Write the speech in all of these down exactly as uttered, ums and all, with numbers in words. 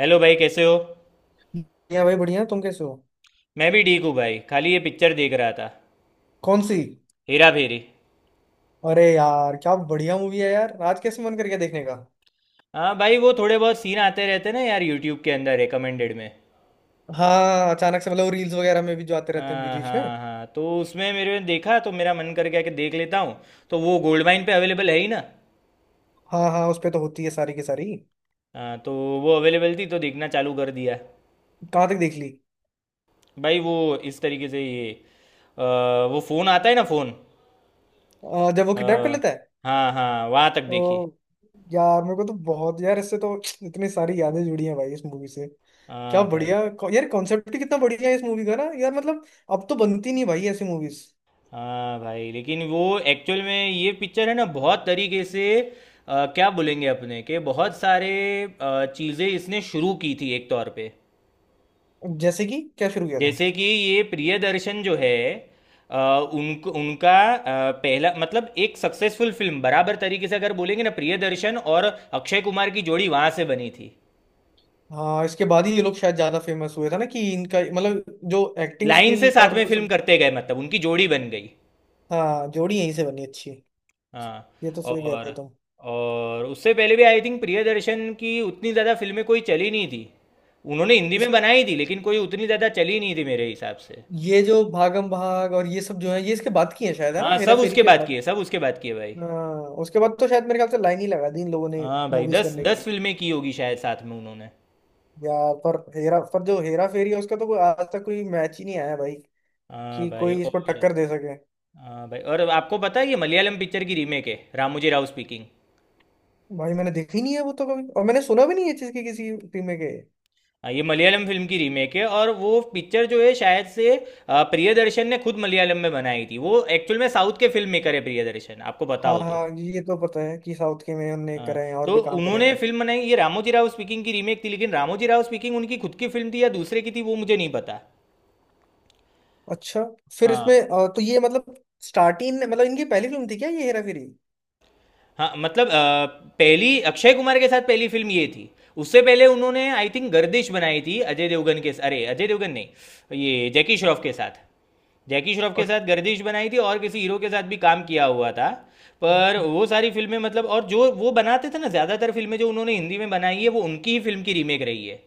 Hello भाई, कैसे हो? बढ़िया भाई, बढ़िया। तुम कैसे हो? मैं भी ठीक हूँ भाई। खाली ये पिक्चर देख रहा था। कौन सी? हेरा फेरी। अरे यार, क्या बढ़िया मूवी है यार। आज कैसे मन कर गया देखने का? हाँ भाई, वो थोड़े बहुत सीन आते रहते ना यार यूट्यूब के अंदर रिकमेंडेड में। हाँ, अचानक से मतलब रील्स वगैरह में भी जो आते रहते हैं बीच हाँ बीच में। हाँ हाँ, तो उसमें मेरे ने देखा तो मेरा मन कर गया कि देख लेता हूँ। तो वो गोल्ड माइन पे अवेलेबल है ही ना। हाँ हाँ, उस पे तो होती है सारी की सारी। हाँ, तो वो अवेलेबल थी तो देखना चालू कर दिया। कहाँ तक देख ली? भाई वो, इस तरीके से ये अ, वो फ़ोन आता है ना फ़ोन। अ, जब वो किडनैप कर लेता है। हाँ हाँ, वहाँ तक ओ। देखी। यार, मेरे को तो बहुत यार इससे तो इतनी सारी यादें जुड़ी हैं भाई इस मूवी से। क्या हाँ भाई। बढ़िया को- यार, कॉन्सेप्ट ही कितना बढ़िया है इस मूवी का ना यार मतलब। अब तो बनती नहीं भाई ऐसी मूवीज। हाँ भाई, लेकिन वो एक्चुअल में ये पिक्चर है ना बहुत तरीके से अ, क्या बोलेंगे अपने के बहुत सारे अ, चीज़ें इसने शुरू की थी एक तौर पे। जैसे कि क्या शुरू किया था? जैसे कि ये प्रियदर्शन जो है अ, उनको उनका अ, पहला मतलब एक सक्सेसफुल फिल्म बराबर तरीके से अगर बोलेंगे ना, प्रियदर्शन और अक्षय कुमार की जोड़ी वहां से बनी थी। हाँ, इसके बाद ही ये लोग शायद ज्यादा फेमस हुए था ना, कि इनका मतलब जो एक्टिंग लाइन से स्किल साथ और में वो फिल्म सब। करते गए, मतलब उनकी जोड़ी बन गई। हाँ, जोड़ी यहीं से बनी अच्छी। हाँ। ये तो सही कह रहे हो और तुम। और उससे पहले भी आई थिंक प्रियदर्शन की उतनी ज़्यादा फिल्में कोई चली नहीं थी। उन्होंने हिंदी में इस बनाई थी लेकिन कोई उतनी ज़्यादा चली नहीं थी मेरे हिसाब से। ये जो भागम भाग और ये सब जो है, ये इसके बाद की है शायद, है ना, हाँ, हेरा सब फेरी उसके के बाद बाद। किए, सब उसके बाद किए भाई। हाँ, उसके बाद तो शायद मेरे ख्याल से लाइन ही लगा दी इन लोगों ने। हाँ भाई, मूवीज दस करने दस की। फिल्में की होगी शायद साथ में उन्होंने। यार पर हेरा पर जो हेरा फेरी है उसका तो कोई आज तक कोई मैच ही नहीं आया भाई। हाँ कि भाई। कोई इसको और टक्कर दे सके। हाँ भाई, और आपको पता है ये मलयालम पिक्चर की रीमेक है, रामोजी राव स्पीकिंग। भाई, मैंने देखी नहीं है वो तो कभी, और मैंने सुना भी नहीं है इस चीज की किसी टीम में के। हाँ, ये मलयालम फिल्म की रीमेक है और वो पिक्चर जो है शायद से अ, प्रियदर्शन ने खुद मलयालम में बनाई थी। वो एक्चुअल में साउथ के फिल्म मेकर है प्रियदर्शन, आपको पता हाँ हो तो। हाँ, ये तो पता है कि साउथ के में उनने हाँ, करे हैं, और तो भी काम करे हैं उन्होंने उन्होंने। फिल्म बनाई, ये रामोजी राव स्पीकिंग की रीमेक थी, लेकिन रामोजी राव स्पीकिंग उनकी खुद की फिल्म थी या दूसरे की थी वो मुझे नहीं पता। अच्छा। फिर हाँ। इसमें अ, तो ये मतलब, स्टार्टिंग मतलब इनकी पहली फिल्म थी क्या ये, हेरा फेरी? हाँ मतलब अ, पहली अक्षय कुमार के साथ पहली फिल्म ये थी। उससे पहले उन्होंने आई थिंक गर्दिश बनाई थी अजय देवगन के, अरे अजय देवगन नहीं, ये जैकी श्रॉफ के साथ। जैकी श्रॉफ के और साथ गर्दिश बनाई थी और किसी हीरो के साथ भी काम किया हुआ था। पर वो सारी फिल्में मतलब और जो वो बनाते थे ना ज़्यादातर फिल्में जो उन्होंने हिंदी में बनाई है वो उनकी ही फिल्म की रीमेक रही है।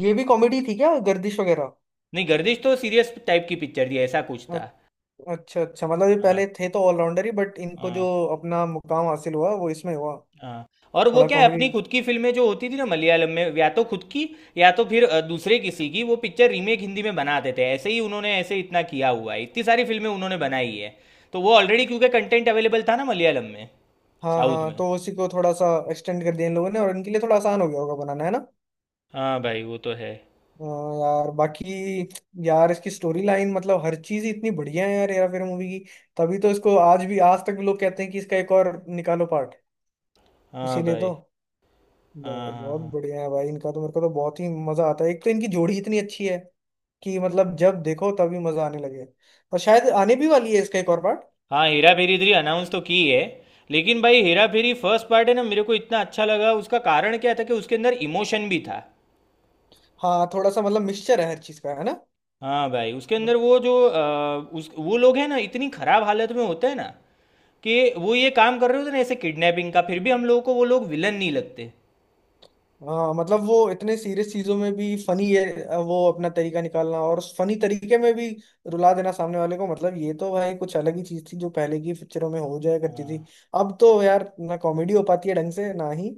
ये भी कॉमेडी थी क्या, गर्दिश वगैरह? नहीं, गर्दिश तो सीरियस टाइप की पिक्चर थी, ऐसा कुछ अ- था। अच्छा अच्छा, मतलब ये हाँ पहले थे तो ऑलराउंडर ही, बट इनको जो हाँ अपना मुकाम हासिल हुआ वो इसमें हुआ। हाँ। और वो थोड़ा क्या है, कॉमेडी। अपनी खुद की फिल्में जो होती थी ना मलयालम में, या तो खुद की या तो फिर अ, दूसरे किसी की, वो पिक्चर रीमेक हिंदी में बना देते हैं, ऐसे ही उन्होंने ऐसे इतना किया हुआ है, इतनी सारी फिल्में उन्होंने बनाई है। तो वो ऑलरेडी, क्योंकि कंटेंट अवेलेबल था ना मलयालम में हाँ साउथ हाँ, में। तो उसी को थोड़ा सा एक्सटेंड कर दिया इन लोगों ने और इनके लिए थोड़ा आसान हो गया होगा बनाना, है ना। हाँ भाई वो तो है। हाँ। यार बाकी, यार इसकी स्टोरी लाइन मतलब हर चीज ही इतनी बढ़िया है यार, हेरा फेरी मूवी की। तभी तो इसको आज भी, आज तक भी लोग कहते हैं कि इसका एक और निकालो पार्ट। हाँ इसीलिए तो। भाई। हाँ भाई, हाँ बहुत हाँ। बढ़िया है भाई, इनका तो मेरे को तो बहुत ही मजा आता है। एक तो इनकी जोड़ी इतनी अच्छी है कि मतलब जब देखो तभी मजा आने लगे। और शायद आने भी वाली है इसका एक और पार्ट। हाँ हेरा फेरी थ्री अनाउंस तो की है। लेकिन भाई, हेरा फेरी फर्स्ट पार्ट है ना, मेरे को इतना अच्छा लगा उसका कारण क्या था कि उसके अंदर इमोशन भी था। हाँ, थोड़ा सा मतलब मिक्सचर है हर चीज का, है ना। हाँ भाई, उसके अंदर वो जो अ, उस वो लोग हैं ना इतनी खराब हालत में होते हैं ना, कि वो ये काम कर रहे होते हैं ना ऐसे किडनैपिंग का, फिर भी हम लोगों को वो लोग विलन नहीं लगते। हाँ मतलब, वो इतने सीरियस चीजों में भी फनी है, वो अपना तरीका निकालना, और फनी तरीके में भी रुला देना सामने वाले को। मतलब ये तो भाई कुछ अलग ही चीज थी जो पहले की पिक्चरों में हो जाया करती थी। अब तो यार, ना कॉमेडी हो पाती है ढंग से, ना ही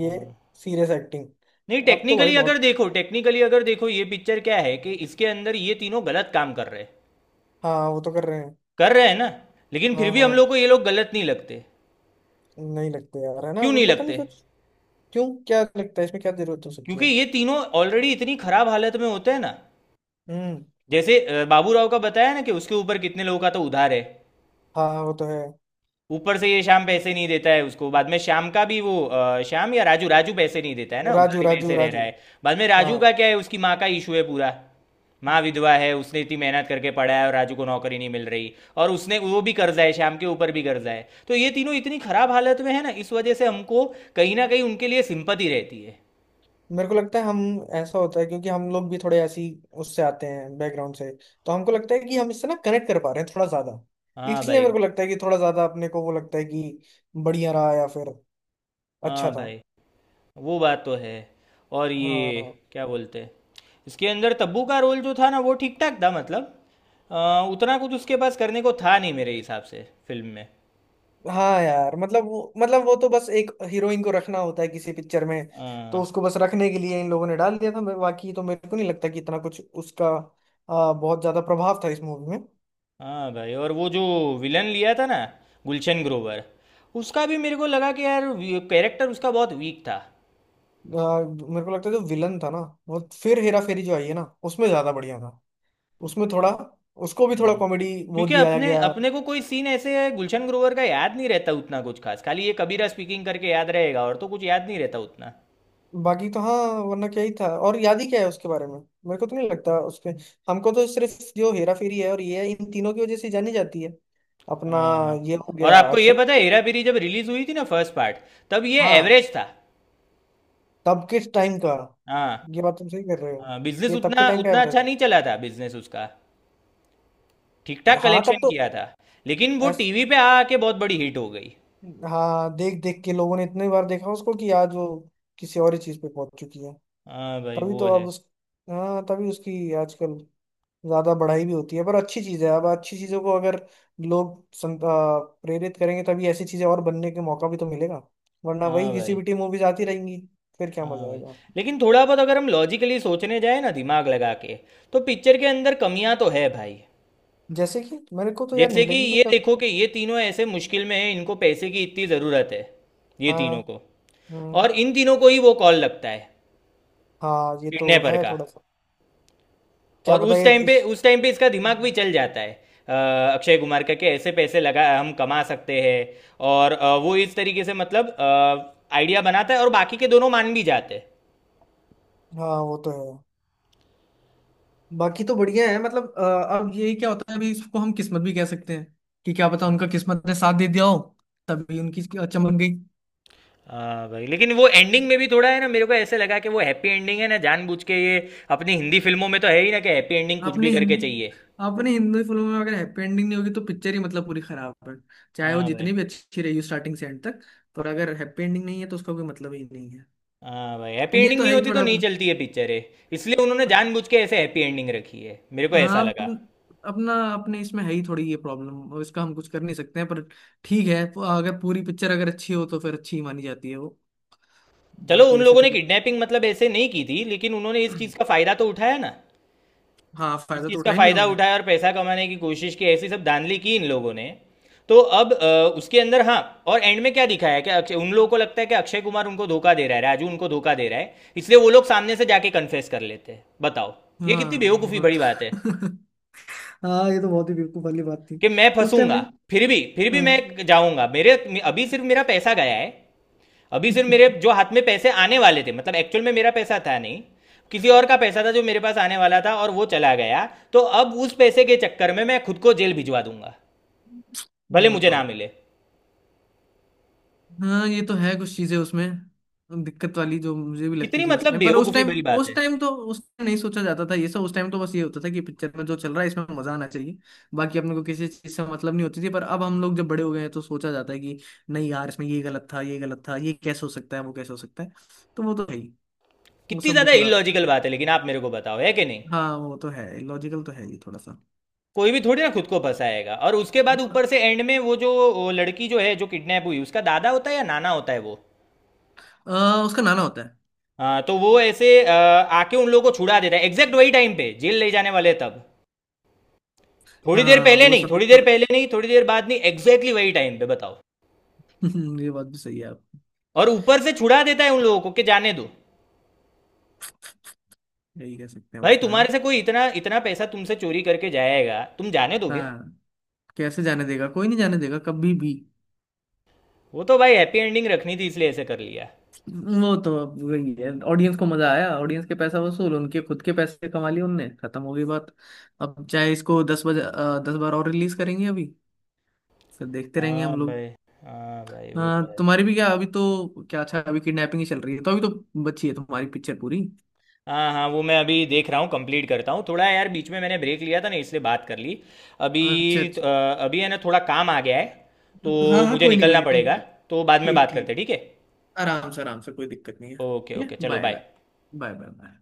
ये हाँ। Serious acting. नहीं, अब तो भाई टेक्निकली अगर बहुत। देखो, टेक्निकली अगर देखो, ये पिक्चर क्या है कि इसके अंदर ये तीनों गलत काम कर रहे हैं, हाँ, वो तो कर रहे हैं। कर रहे हैं ना। लेकिन फिर हाँ भी हम हाँ। लोग को ये लोग गलत नहीं लगते। नहीं लगते यार, है ना, क्यों वो नहीं पता नहीं लगते? कुछ। क्यों? क्या लगता है इसमें, क्या जरूरत हो सकती क्योंकि है? ये तीनों ऑलरेडी इतनी खराब हालत में होते हैं ना। हम्म। जैसे अ, बाबू राव का बताया ना कि उसके ऊपर कितने लोगों का तो उधार है। हाँ, वो तो है। ऊपर से ये श्याम पैसे नहीं देता है उसको, बाद में श्याम का भी वो अ, श्याम या राजू, राजू पैसे नहीं देता है ना, राजू, उधारी में राजू, ऐसे रह रहा राजू। है। बाद में हाँ, राजू का क्या है, उसकी माँ का इशू है पूरा। माँ विधवा है, उसने इतनी मेहनत करके पढ़ा है और राजू को नौकरी नहीं मिल रही। और उसने वो भी कर्जा है, श्याम के ऊपर भी कर्जा है, तो ये तीनों इतनी खराब हालत में है ना, इस वजह से हमको कहीं ना कहीं उनके लिए सिंपति रहती है। मेरे को लगता है हम, ऐसा होता है क्योंकि हम लोग भी थोड़े ऐसी उससे आते हैं बैकग्राउंड से। तो हमको लगता है कि हम इससे ना कनेक्ट कर पा रहे हैं थोड़ा ज्यादा। हाँ इसलिए भाई। मेरे को लगता है कि थोड़ा ज्यादा अपने को वो लगता है कि बढ़िया रहा, या फिर अच्छा हाँ था। भाई, वो बात तो है। और ये हाँ। क्या बोलते हैं, इसके अंदर तब्बू का रोल जो था ना वो ठीक ठाक था, मतलब अ, उतना कुछ उसके पास करने को था नहीं मेरे हिसाब से फिल्म में। हाँ यार, मतलब वो मतलब वो तो बस एक हीरोइन को रखना होता है किसी पिक्चर में। तो हाँ। उसको बस रखने के लिए इन लोगों ने डाल दिया था मैं- बाकी तो मेरे को नहीं लगता कि इतना कुछ उसका आ, बहुत ज्यादा प्रभाव था इस मूवी में। हाँ भाई, और वो जो विलन लिया था ना, गुलशन ग्रोवर, उसका भी मेरे को लगा कि यार कैरेक्टर उसका बहुत वीक था। आ, मेरे को लगता है जो विलन था ना, वो फिर हेरा फेरी जो आई है ना उसमें ज्यादा बढ़िया था। उसमें थोड़ा, उसको भी थोड़ा हम्म। कॉमेडी वो क्योंकि दिया अपने गया। अपने को कोई सीन ऐसे है गुलशन ग्रोवर का याद नहीं रहता उतना कुछ खास, खाली ये कबीरा स्पीकिंग करके याद रहेगा और तो कुछ याद नहीं रहता उतना। बाकी तो हाँ, वरना क्या ही था, और याद ही क्या है उसके बारे में? मेरे को तो नहीं लगता उसके। हमको तो सिर्फ जो हेरा फेरी है और ये है, इन तीनों की वजह से जानी जाती है। अपना, हाँ हाँ। ये हो और गया आपको ये अक्षय। पता है, हेरा फेरी जब रिलीज हुई थी ना फर्स्ट पार्ट, तब ये हाँ, एवरेज था। तब के टाइम का। हाँ। ये बात तुम सही कर रहे हो, हाँ, कि बिजनेस ये तब के उतना टाइम का उतना अच्छा एवरेज नहीं चला था, बिजनेस उसका। ठीक है। ठाक हाँ तब कलेक्शन तो। किया था। लेकिन वो ऐस, टीवी पे आ आके बहुत बड़ी हिट हो गई। हाँ, देख देख के लोगों ने इतने बार देखा उसको कि आज वो किसी और ही चीज पे पहुंच चुकी है। हाँ भाई तभी वो तो अब है। उस, हाँ, तभी उसकी आजकल ज्यादा बढ़ाई भी होती है। पर अच्छी चीज है, अब अच्छी चीजों को अगर लोग सं- आ, प्रेरित करेंगे तभी ऐसी चीजें और बनने के मौका भी तो मिलेगा। वरना वही हाँ घिसी भाई। पिटी मूवीज आती रहेंगी। फिर क्या हाँ मजा भाई, आएगा? लेकिन थोड़ा बहुत अगर हम लॉजिकली सोचने जाए ना दिमाग लगा के, तो पिक्चर के अंदर कमियां तो है भाई। जैसे कि मेरे को तो यार जैसे नहीं कि लगी कोई ये कमी। देखो कि ये तीनों ऐसे मुश्किल में है, इनको पैसे की इतनी ज़रूरत है, ये हाँ। तीनों को। हम्म। और इन तीनों को ही वो कॉल लगता है हाँ, ये तो किडनैपर है का। थोड़ा सा। क्या और पता उस ये टाइम पे, इस, उस टाइम पे इसका दिमाग भी चल जाता है अ, अक्षय कुमार का कि ऐसे पैसे लगा हम कमा सकते हैं। और अ, वो इस तरीके से मतलब आइडिया बनाता है और बाकी के दोनों मान भी जाते हैं। हाँ वो तो है। बाकी तो बढ़िया है मतलब आ, अब यही क्या होता है, अभी इसको हम किस्मत भी कह सकते हैं कि क्या पता उनका किस्मत ने साथ दे दिया हो, तभी उनकी चमक गई। हाँ भाई, लेकिन वो एंडिंग में भी थोड़ा है ना, मेरे को ऐसे लगा कि वो हैप्पी एंडिंग है ना जानबूझ के ये। अपनी हिंदी फिल्मों में तो है ही ना कि हैप्पी एंडिंग कुछ भी आपने करके हिंदी चाहिए। आपने हिंदी फिल्मों में अगर हैप्पी एंडिंग नहीं होगी तो पिक्चर ही मतलब पूरी खराब है। चाहे वो हाँ भाई। जितनी भी अच्छी रही हो स्टार्टिंग से एंड तक, पर अगर हैप्पी एंडिंग नहीं है तो उसका कोई मतलब ही नहीं है। हाँ भाई, हैप्पी ये एंडिंग तो नहीं है ही होती तो थोड़ा नहीं अपना। चलती है पिक्चर है। इसलिए उन्होंने जानबूझ के ऐसे हैप्पी एंडिंग रखी है, मेरे को हाँ ऐसा लगा। अपन- अपना, अपने इसमें है ही थोड़ी ये प्रॉब्लम, इसका हम कुछ कर नहीं सकते हैं पर, ठीक है। अगर पूरी पिक्चर अगर अच्छी हो तो फिर अच्छी ही मानी जाती है वो। चलो, बाकी उन ऐसे लोगों तो ने किडनैपिंग मतलब ऐसे नहीं की थी, लेकिन उन्होंने इस चीज़ का फ़ायदा तो उठाया ना। हाँ, इस फायदा तो चीज़ उठा का ही लिया फ़ायदा उनने। उठाया और पैसा कमाने की कोशिश की, ऐसी सब धांधली की इन लोगों ने। तो अब अ, उसके अंदर, हाँ। और एंड में क्या दिखाया है कि अक्षय, उन लोगों को लगता है कि अक्षय कुमार उनको धोखा दे रहा है, राजू उनको धोखा दे रहा है, इसलिए वो लोग सामने से जाके कन्फेस कर लेते हैं, बताओ। ये कितनी हाँ बेवकूफ़ी बहुत। बड़ी बात है हाँ, ये तो बहुत ही बेवकूफ वाली बात थी, कि मैं उस टाइम फंसूंगा, में। फिर भी, फिर भी हाँ। मैं जाऊंगा। मेरे, अभी सिर्फ मेरा पैसा गया है, अभी सिर्फ मेरे जो हाथ में पैसे आने वाले थे, मतलब एक्चुअल में मेरा पैसा था नहीं, किसी और का पैसा था जो मेरे पास आने वाला था और वो चला गया। तो अब उस पैसे के चक्कर में मैं खुद को जेल भिजवा दूंगा, भले मुझे ना बताओ। मिले। हाँ, ये तो है कुछ चीजें उसमें दिक्कत वाली जो मुझे भी लगती कितनी थी, उस मतलब टाइम पर। उस बेवकूफ़ी टाइम भरी बात उस है। टाइम तो उस टाइम नहीं सोचा जाता था ये सब। उस टाइम तो बस ये होता था कि पिक्चर में जो चल रहा है इसमें मजा आना चाहिए। बाकी अपने को किसी चीज से मतलब नहीं होती थी, पर अब हम लोग जब बड़े हो गए हैं तो सोचा जाता है कि नहीं यार, इसमें ये गलत था, ये गलत था, ये कैसे हो सकता है, वो कैसे हो सकता है। तो वो तो है ही। वो कितनी सब भी ज़्यादा थोड़ा, इलॉजिकल बात है, लेकिन आप मेरे को बताओ है कि नहीं? हाँ वो तो है, लॉजिकल तो है ये थोड़ा सा। कोई भी थोड़ी ना खुद को फंसाएगा। और उसके बाद ऊपर से एंड में वो जो वो लड़की जो है जो किडनैप हुई, उसका दादा होता है या नाना होता है वो। आ, उसका नाना होता है। हाँ, तो वो ऐसे अ, आके उन लोगों को छुड़ा देता है एग्जैक्ट वही टाइम पे, जेल ले जाने वाले तब। थोड़ी देर हाँ, पहले वो नहीं, सब भी थोड़ी देर थोड़ा। पहले नहीं, थोड़ी देर बाद नहीं, एग्जैक्टली वही टाइम पे, बताओ। ये बात भी सही है आप, और ऊपर से छुड़ा देता है उन लोगों को कि जाने दो। यही कह सकते हैं भाई उसमें, है तुम्हारे ना। से कोई इतना इतना पैसा तुमसे चोरी करके जाएगा, तुम जाने दोगे? हाँ, कैसे जाने देगा? कोई नहीं जाने देगा कभी भी। वो तो भाई हैप्पी एंडिंग रखनी थी इसलिए ऐसे कर लिया। वो तो अब वही है, ऑडियंस को मजा आया, ऑडियंस के पैसा वसूल, उनके खुद के पैसे कमा लिए उनने, खत्म हो गई बात। अब चाहे इसको दस बजे अ, दस बार और रिलीज करेंगे अभी, फिर देखते रहेंगे हाँ हम लोग। भाई। हाँ भाई वो तो हाँ, है। तुम्हारी भी क्या अभी तो, क्या अच्छा, अभी किडनैपिंग ही चल रही है, तो अभी तो बची है तुम्हारी पिक्चर पूरी। हाँ हाँ, वो मैं अभी देख रहा हूँ, कंप्लीट करता हूँ थोड़ा। यार बीच में मैंने ब्रेक लिया था ना, इसलिए बात कर ली अभी। अच्छा अ, अच्छा। अभी है ना थोड़ा काम आ गया है, हाँ तो हाँ, मुझे कोई नहीं, कोई निकलना नहीं तुम। पड़ेगा। तो बाद में ठीक बात करते ठीक। हैं, ठीक है। आराम से, आराम से, कोई दिक्कत नहीं है, ओके ठीक है, ओके, चलो bye bye. Bye. Bye bye bye.